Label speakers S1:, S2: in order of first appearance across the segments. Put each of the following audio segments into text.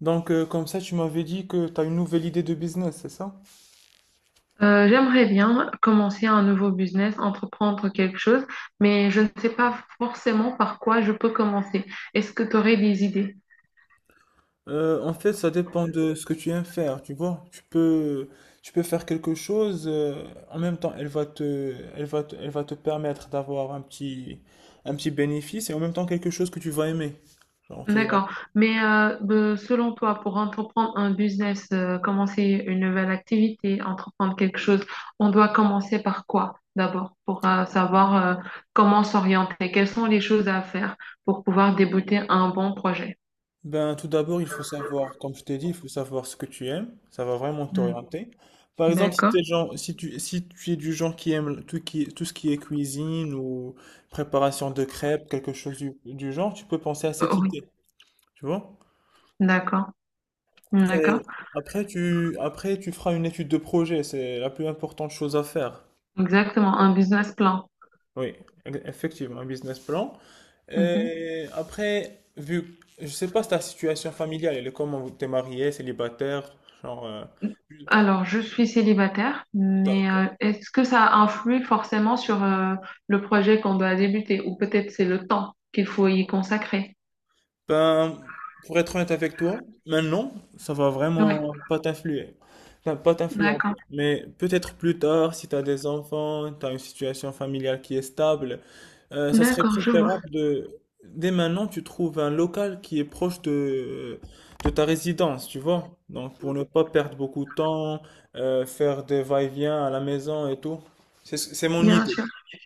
S1: Donc, comme ça, tu m'avais dit que tu as une nouvelle idée de business, c'est ça?
S2: J'aimerais bien commencer un nouveau business, entreprendre quelque chose, mais je ne sais pas forcément par quoi je peux commencer. Est-ce que tu aurais des idées?
S1: En fait, ça dépend de ce que tu aimes faire, tu vois. Tu peux faire quelque chose, en même temps, elle va te, elle va te, elle va te permettre d'avoir un petit bénéfice et en même temps quelque chose que tu vas aimer. Genre, tu vas.
S2: D'accord. Mais selon toi, pour entreprendre un business, commencer une nouvelle activité, entreprendre quelque chose, on doit commencer par quoi d'abord pour savoir comment s'orienter? Quelles sont les choses à faire pour pouvoir débuter un bon projet?
S1: Ben, tout d'abord, il faut savoir, comme je t'ai dit, il faut savoir ce que tu aimes. Ça va vraiment
S2: Hmm.
S1: t'orienter. Par exemple, si
S2: D'accord.
S1: t'es genre, si tu, si tu es du genre qui aime tout, qui, tout ce qui est cuisine ou préparation de crêpes, quelque chose du genre, tu peux penser à cette
S2: Oui,
S1: idée. Tu vois?
S2: d'accord. D'accord.
S1: Et après, tu feras une étude de projet. C'est la plus importante chose à faire.
S2: Exactement. Un business plan.
S1: Oui, effectivement, un business plan.
S2: Mhm.
S1: Et après, vu, je sais pas si ta situation familiale, elle est comment? T'es marié, célibataire, genre.
S2: Alors, je suis célibataire, mais
S1: D'accord.
S2: est-ce que ça influe forcément sur le projet qu'on doit débuter ou peut-être c'est le temps qu'il faut y consacrer?
S1: Ben, pour être honnête avec toi, maintenant, ça va
S2: Oui,
S1: vraiment pas t'influer. Enfin, pas t'influencer.
S2: d'accord.
S1: Mais peut-être plus tard, si tu as des enfants, tu as une situation familiale qui est stable, ça serait
S2: D'accord, je vois.
S1: préférable de… Dès maintenant, tu trouves un local qui est proche de ta résidence, tu vois. Donc, pour ne pas perdre beaucoup de temps, faire des va-et-vient à la maison et tout. C'est mon
S2: Bien
S1: idée.
S2: sûr.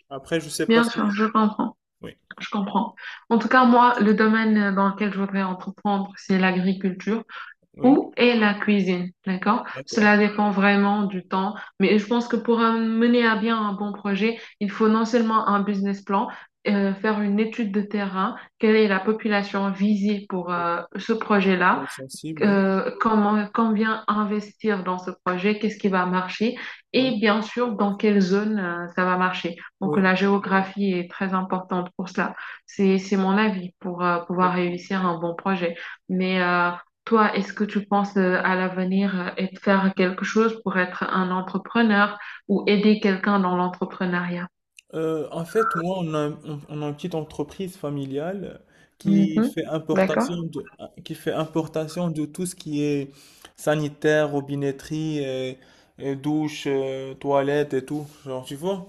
S1: Après, je sais pas
S2: Bien
S1: ce que…
S2: sûr, je comprends.
S1: Oui.
S2: Je comprends. En tout cas, moi, le domaine dans lequel je voudrais entreprendre, c'est l'agriculture.
S1: Oui,
S2: Où est la cuisine, d'accord?
S1: d'accord.
S2: Cela dépend vraiment du temps, mais je pense que pour mener à bien un bon projet, il faut non seulement un business plan, faire une étude de terrain, quelle est la population visée pour
S1: Des
S2: ce projet-là,
S1: gens sensibles, oui.
S2: comment, combien investir dans ce projet, qu'est-ce qui va marcher
S1: Oui.
S2: et bien sûr dans quelle zone ça va marcher. Donc
S1: Oui,
S2: la géographie est très importante pour cela. C'est mon avis pour pouvoir
S1: effectivement.
S2: réussir un bon projet. Mais toi, est-ce que tu penses à l'avenir et de faire quelque chose pour être un entrepreneur ou aider quelqu'un dans l'entrepreneuriat?
S1: En fait, moi, on a une petite entreprise familiale qui
S2: Mhm.
S1: fait importation
S2: D'accord.
S1: de, qui fait importation de tout ce qui est sanitaire, robinetterie, et douche, toilette et tout, genre, tu vois.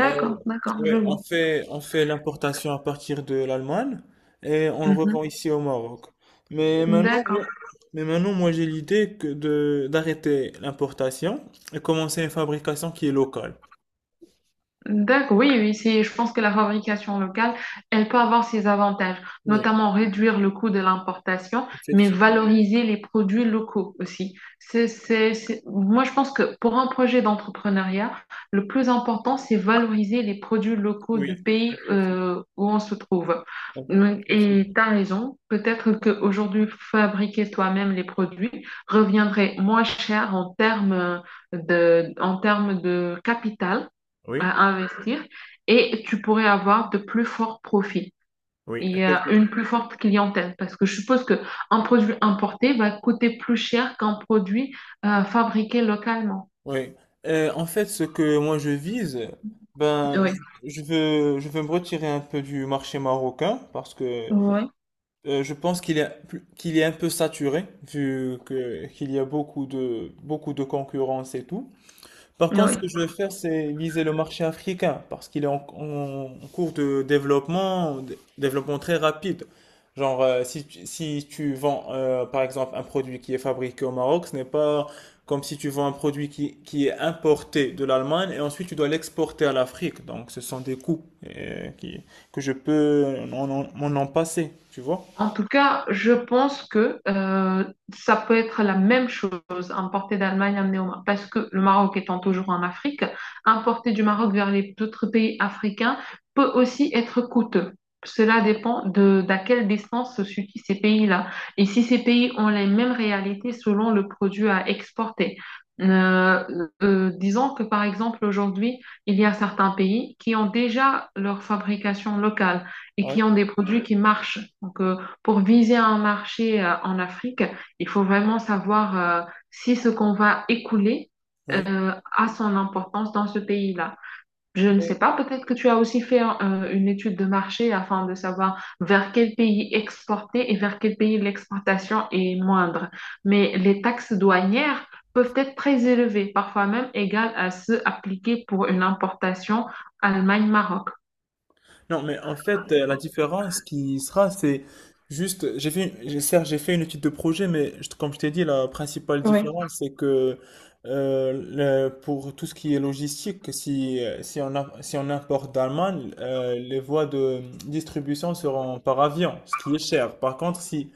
S1: Euh,
S2: d'accord, je
S1: ouais, on
S2: vois.
S1: fait, on fait l'importation à partir de l'Allemagne et on le
S2: Mhm.
S1: revend ici au Maroc. Mais maintenant,
S2: D'accord.
S1: moi- mais maintenant, moi, j'ai l'idée d'arrêter l'importation et commencer une fabrication qui est locale.
S2: D'accord, oui, oui, je pense que la fabrication locale, elle peut avoir ses avantages,
S1: Oui.
S2: notamment réduire le coût de l'importation, mais
S1: Effectivement,
S2: valoriser les produits locaux aussi. Moi, je pense que pour un projet d'entrepreneuriat, le plus important, c'est valoriser les produits locaux
S1: oui,
S2: du pays
S1: effectivement,
S2: où on se trouve.
S1: effectivement.
S2: Et tu as raison, peut-être qu'aujourd'hui, fabriquer toi-même les produits reviendrait moins cher en termes en termes de capital
S1: Oui,
S2: à investir et tu pourrais avoir de plus forts profits
S1: oui,
S2: et une
S1: effectivement.
S2: plus forte clientèle parce que je suppose que un produit importé va coûter plus cher qu'un produit fabriqué localement.
S1: Oui. En fait, ce que moi je vise, ben,
S2: Oui,
S1: je, je veux me retirer un peu du marché marocain parce que
S2: oui,
S1: je pense qu'il est, qu'il est un peu saturé vu que qu'il y a beaucoup de concurrence et tout. Par contre,
S2: oui.
S1: ce que je vais faire, c'est viser le marché africain parce qu'il est en cours de développement, développement très rapide. Genre, si tu vends, par exemple, un produit qui est fabriqué au Maroc, ce n'est pas comme si tu vends un produit qui est importé de l'Allemagne et ensuite tu dois l'exporter à l'Afrique. Donc, ce sont des coûts que je peux m'en passer, tu vois?
S2: En tout cas, je pense que ça peut être la même chose, importer d'Allemagne, amener au Maroc, parce que le Maroc étant toujours en Afrique, importer du Maroc vers les autres pays africains peut aussi être coûteux. Cela dépend de d'à quelle distance se situent ces pays-là. Et si ces pays ont les mêmes réalités selon le produit à exporter. Euh, disons que par exemple aujourd'hui, il y a certains pays qui ont déjà leur fabrication locale et
S1: Oui.
S2: qui ont des produits qui marchent. Donc, pour viser un marché en Afrique, il faut vraiment savoir si ce qu'on va écouler a son importance dans ce pays-là. Je ne sais
S1: Oui.
S2: pas, peut-être que tu as aussi fait une étude de marché afin de savoir vers quel pays exporter et vers quel pays l'exportation est moindre. Mais les taxes douanières peuvent être très élevées, parfois même égales à ceux appliqués pour une importation Allemagne-Maroc.
S1: Non, mais en fait, la différence qui sera, c'est juste, certes, j'ai fait une étude de projet, mais comme je t'ai dit, la principale
S2: Oui,
S1: différence, c'est que pour tout ce qui est logistique, si on importe d'Allemagne, les voies de distribution seront par avion, ce qui est cher. Par contre, si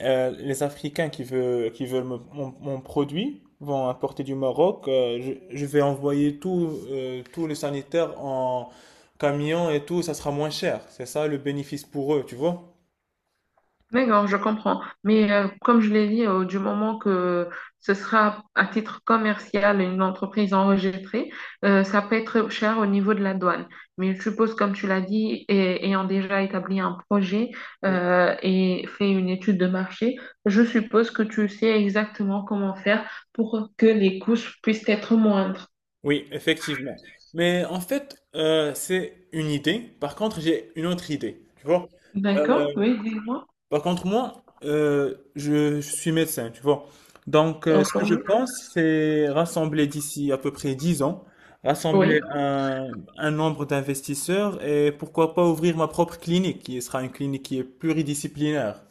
S1: les Africains qui veulent mon produit vont importer du Maroc, je vais envoyer tout, tout le sanitaire camion et tout, ça sera moins cher. C'est ça le bénéfice pour eux, tu vois?
S2: d'accord, je comprends. Mais comme je l'ai dit, du moment que ce sera à titre commercial une entreprise enregistrée, ça peut être cher au niveau de la douane. Mais je suppose, comme tu l'as dit, et, ayant déjà établi un projet
S1: Oui.
S2: et fait une étude de marché, je suppose que tu sais exactement comment faire pour que les coûts puissent être moindres.
S1: Oui, effectivement. Mais en fait, c'est une idée. Par contre, j'ai une autre idée, tu vois? Euh,
S2: D'accord? Oui, dis-moi.
S1: par contre, moi, je suis médecin, tu vois? Donc, ce que je
S2: Entendu?
S1: pense, c'est rassembler d'ici à peu près 10 ans,
S2: Oui.
S1: rassembler un nombre d'investisseurs et pourquoi pas ouvrir ma propre clinique, qui sera une clinique qui est pluridisciplinaire.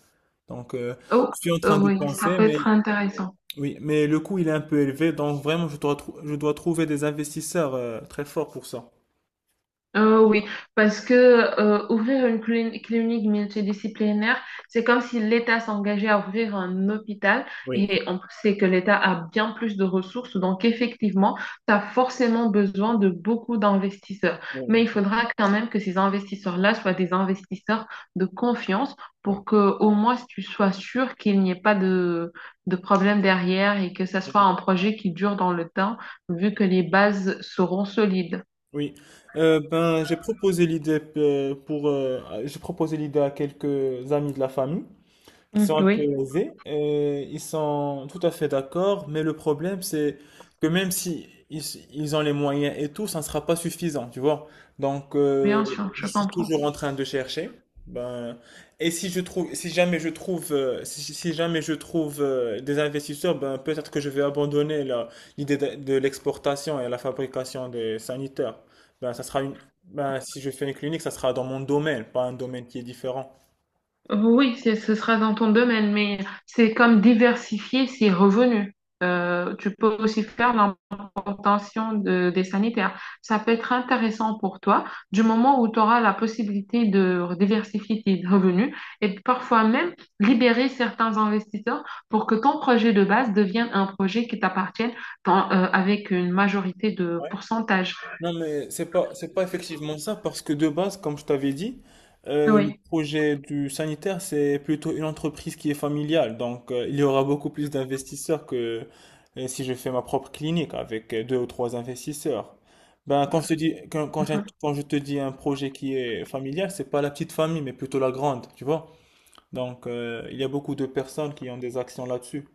S1: Donc,
S2: Oh,
S1: je suis en train de
S2: oui, ça
S1: penser,
S2: peut être
S1: mais
S2: intéressant.
S1: oui, mais le coût il est un peu élevé, donc vraiment je dois trouver des investisseurs très forts pour ça.
S2: Oui, parce que ouvrir une clinique multidisciplinaire, c'est comme si l'État s'engageait à ouvrir un hôpital
S1: Oui,
S2: et on sait que l'État a bien plus de ressources, donc effectivement, tu as forcément besoin de beaucoup d'investisseurs. Mais il
S1: oui,
S2: faudra quand même que ces investisseurs-là soient des investisseurs de confiance
S1: oui.
S2: pour que au moins tu sois sûr qu'il n'y ait pas de problème derrière et que ça soit un projet qui dure dans le temps, vu que les bases seront solides.
S1: Oui, ben j'ai proposé l'idée pour j'ai proposé l'idée à quelques amis de la famille qui
S2: Mm,
S1: sont un peu
S2: oui.
S1: aisés, et ils sont tout à fait d'accord, mais le problème c'est que même si ils, ils ont les moyens et tout, ça ne sera pas suffisant, tu vois. Donc
S2: Bien sûr, je
S1: je suis
S2: comprends.
S1: toujours en train de chercher. Ben, et si je trouve, si jamais je trouve, si jamais je trouve des investisseurs, ben peut-être que je vais abandonner l'idée de l'exportation et la fabrication des sanitaires. Ben ça sera une, ben si je fais une clinique, ça sera dans mon domaine, pas un domaine qui est différent.
S2: Ce sera dans ton domaine, mais c'est comme diversifier ses revenus. Tu peux aussi faire l'importation des sanitaires. Ça peut être intéressant pour toi du moment où tu auras la possibilité de diversifier tes revenus et parfois même libérer certains investisseurs pour que ton projet de base devienne un projet qui t'appartienne avec une majorité de pourcentage.
S1: Non, c'est pas effectivement ça, parce que de base, comme je t'avais dit, le
S2: Oui.
S1: projet du sanitaire, c'est plutôt une entreprise qui est familiale. Donc, il y aura beaucoup plus d'investisseurs que si je fais ma propre clinique avec 2 ou 3 investisseurs. Ben, quand je te dis, quand, quand je, quand je te dis un projet qui est familial, c'est pas la petite famille, mais plutôt la grande, tu vois. Donc, il y a beaucoup de personnes qui ont des actions là-dessus.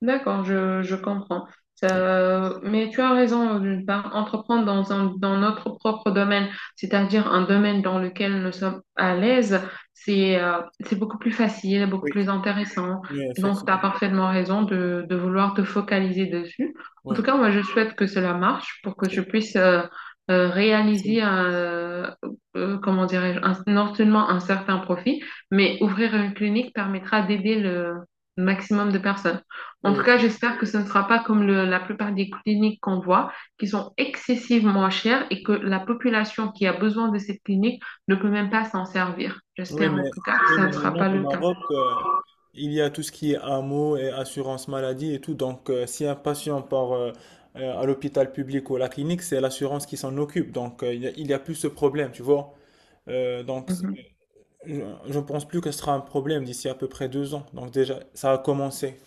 S2: D'accord, je comprends. Mais tu as raison d'une part, entreprendre dans notre propre domaine, c'est-à-dire un domaine dans lequel nous sommes à l'aise, c'est beaucoup plus facile, beaucoup
S1: Oui.
S2: plus intéressant.
S1: Oui,
S2: Donc, tu as
S1: effectivement.
S2: parfaitement raison de vouloir te focaliser dessus. En tout
S1: Oui.
S2: cas, moi, je souhaite que cela marche pour que tu puisses euh, réaliser,
S1: Merci.
S2: un, euh, euh, comment dirais-je, non seulement un certain profit, mais ouvrir une clinique permettra d'aider le maximum de personnes. En tout
S1: Oui,
S2: cas, j'espère que ce ne sera pas comme la plupart des cliniques qu'on voit, qui sont excessivement chères et que la population qui a besoin de cette clinique ne peut même pas s'en servir.
S1: oui,
S2: J'espère
S1: mais,
S2: en tout cas que
S1: oui,
S2: ça
S1: mais
S2: ne sera
S1: maintenant
S2: pas
S1: au
S2: le cas.
S1: Maroc, il y a tout ce qui est AMO et assurance maladie et tout. Donc, si un patient part à l'hôpital public ou à la clinique, c'est l'assurance qui s'en occupe. Donc, il y a plus ce problème, tu vois. Euh, donc, c'est-
S2: Mhm.
S1: je je ne pense plus que ce sera un problème d'ici à peu près 2 ans. Donc, déjà, ça a commencé.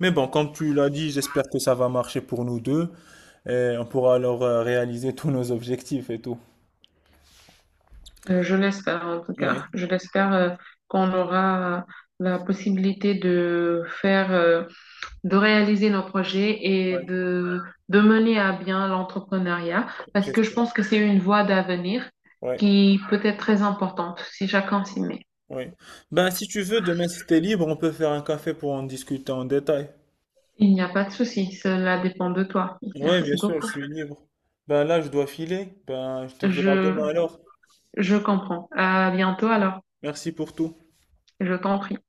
S1: Mais bon, comme tu l'as dit, j'espère que ça va marcher pour nous deux et on pourra alors réaliser tous nos objectifs et tout.
S2: Je l'espère en tout
S1: Oui,
S2: cas. Je l'espère, qu'on aura la possibilité de faire, de réaliser nos projets
S1: oui,
S2: et de mener à bien l'entrepreneuriat parce que je
S1: j'espère.
S2: pense que c'est une voie d'avenir
S1: Ouais.
S2: qui peut être très importante si chacun s'y met.
S1: Oui. Ben, si tu veux, demain, si t'es libre, on peut faire un café pour en discuter en détail.
S2: Il n'y a pas de souci, cela dépend de toi.
S1: Oui, bien
S2: Merci
S1: sûr, je
S2: beaucoup.
S1: suis libre. Ben là, je dois filer. Ben, je te dirai à demain
S2: Je,
S1: alors.
S2: je comprends. À bientôt alors.
S1: Merci pour tout.
S2: Je t'en prie.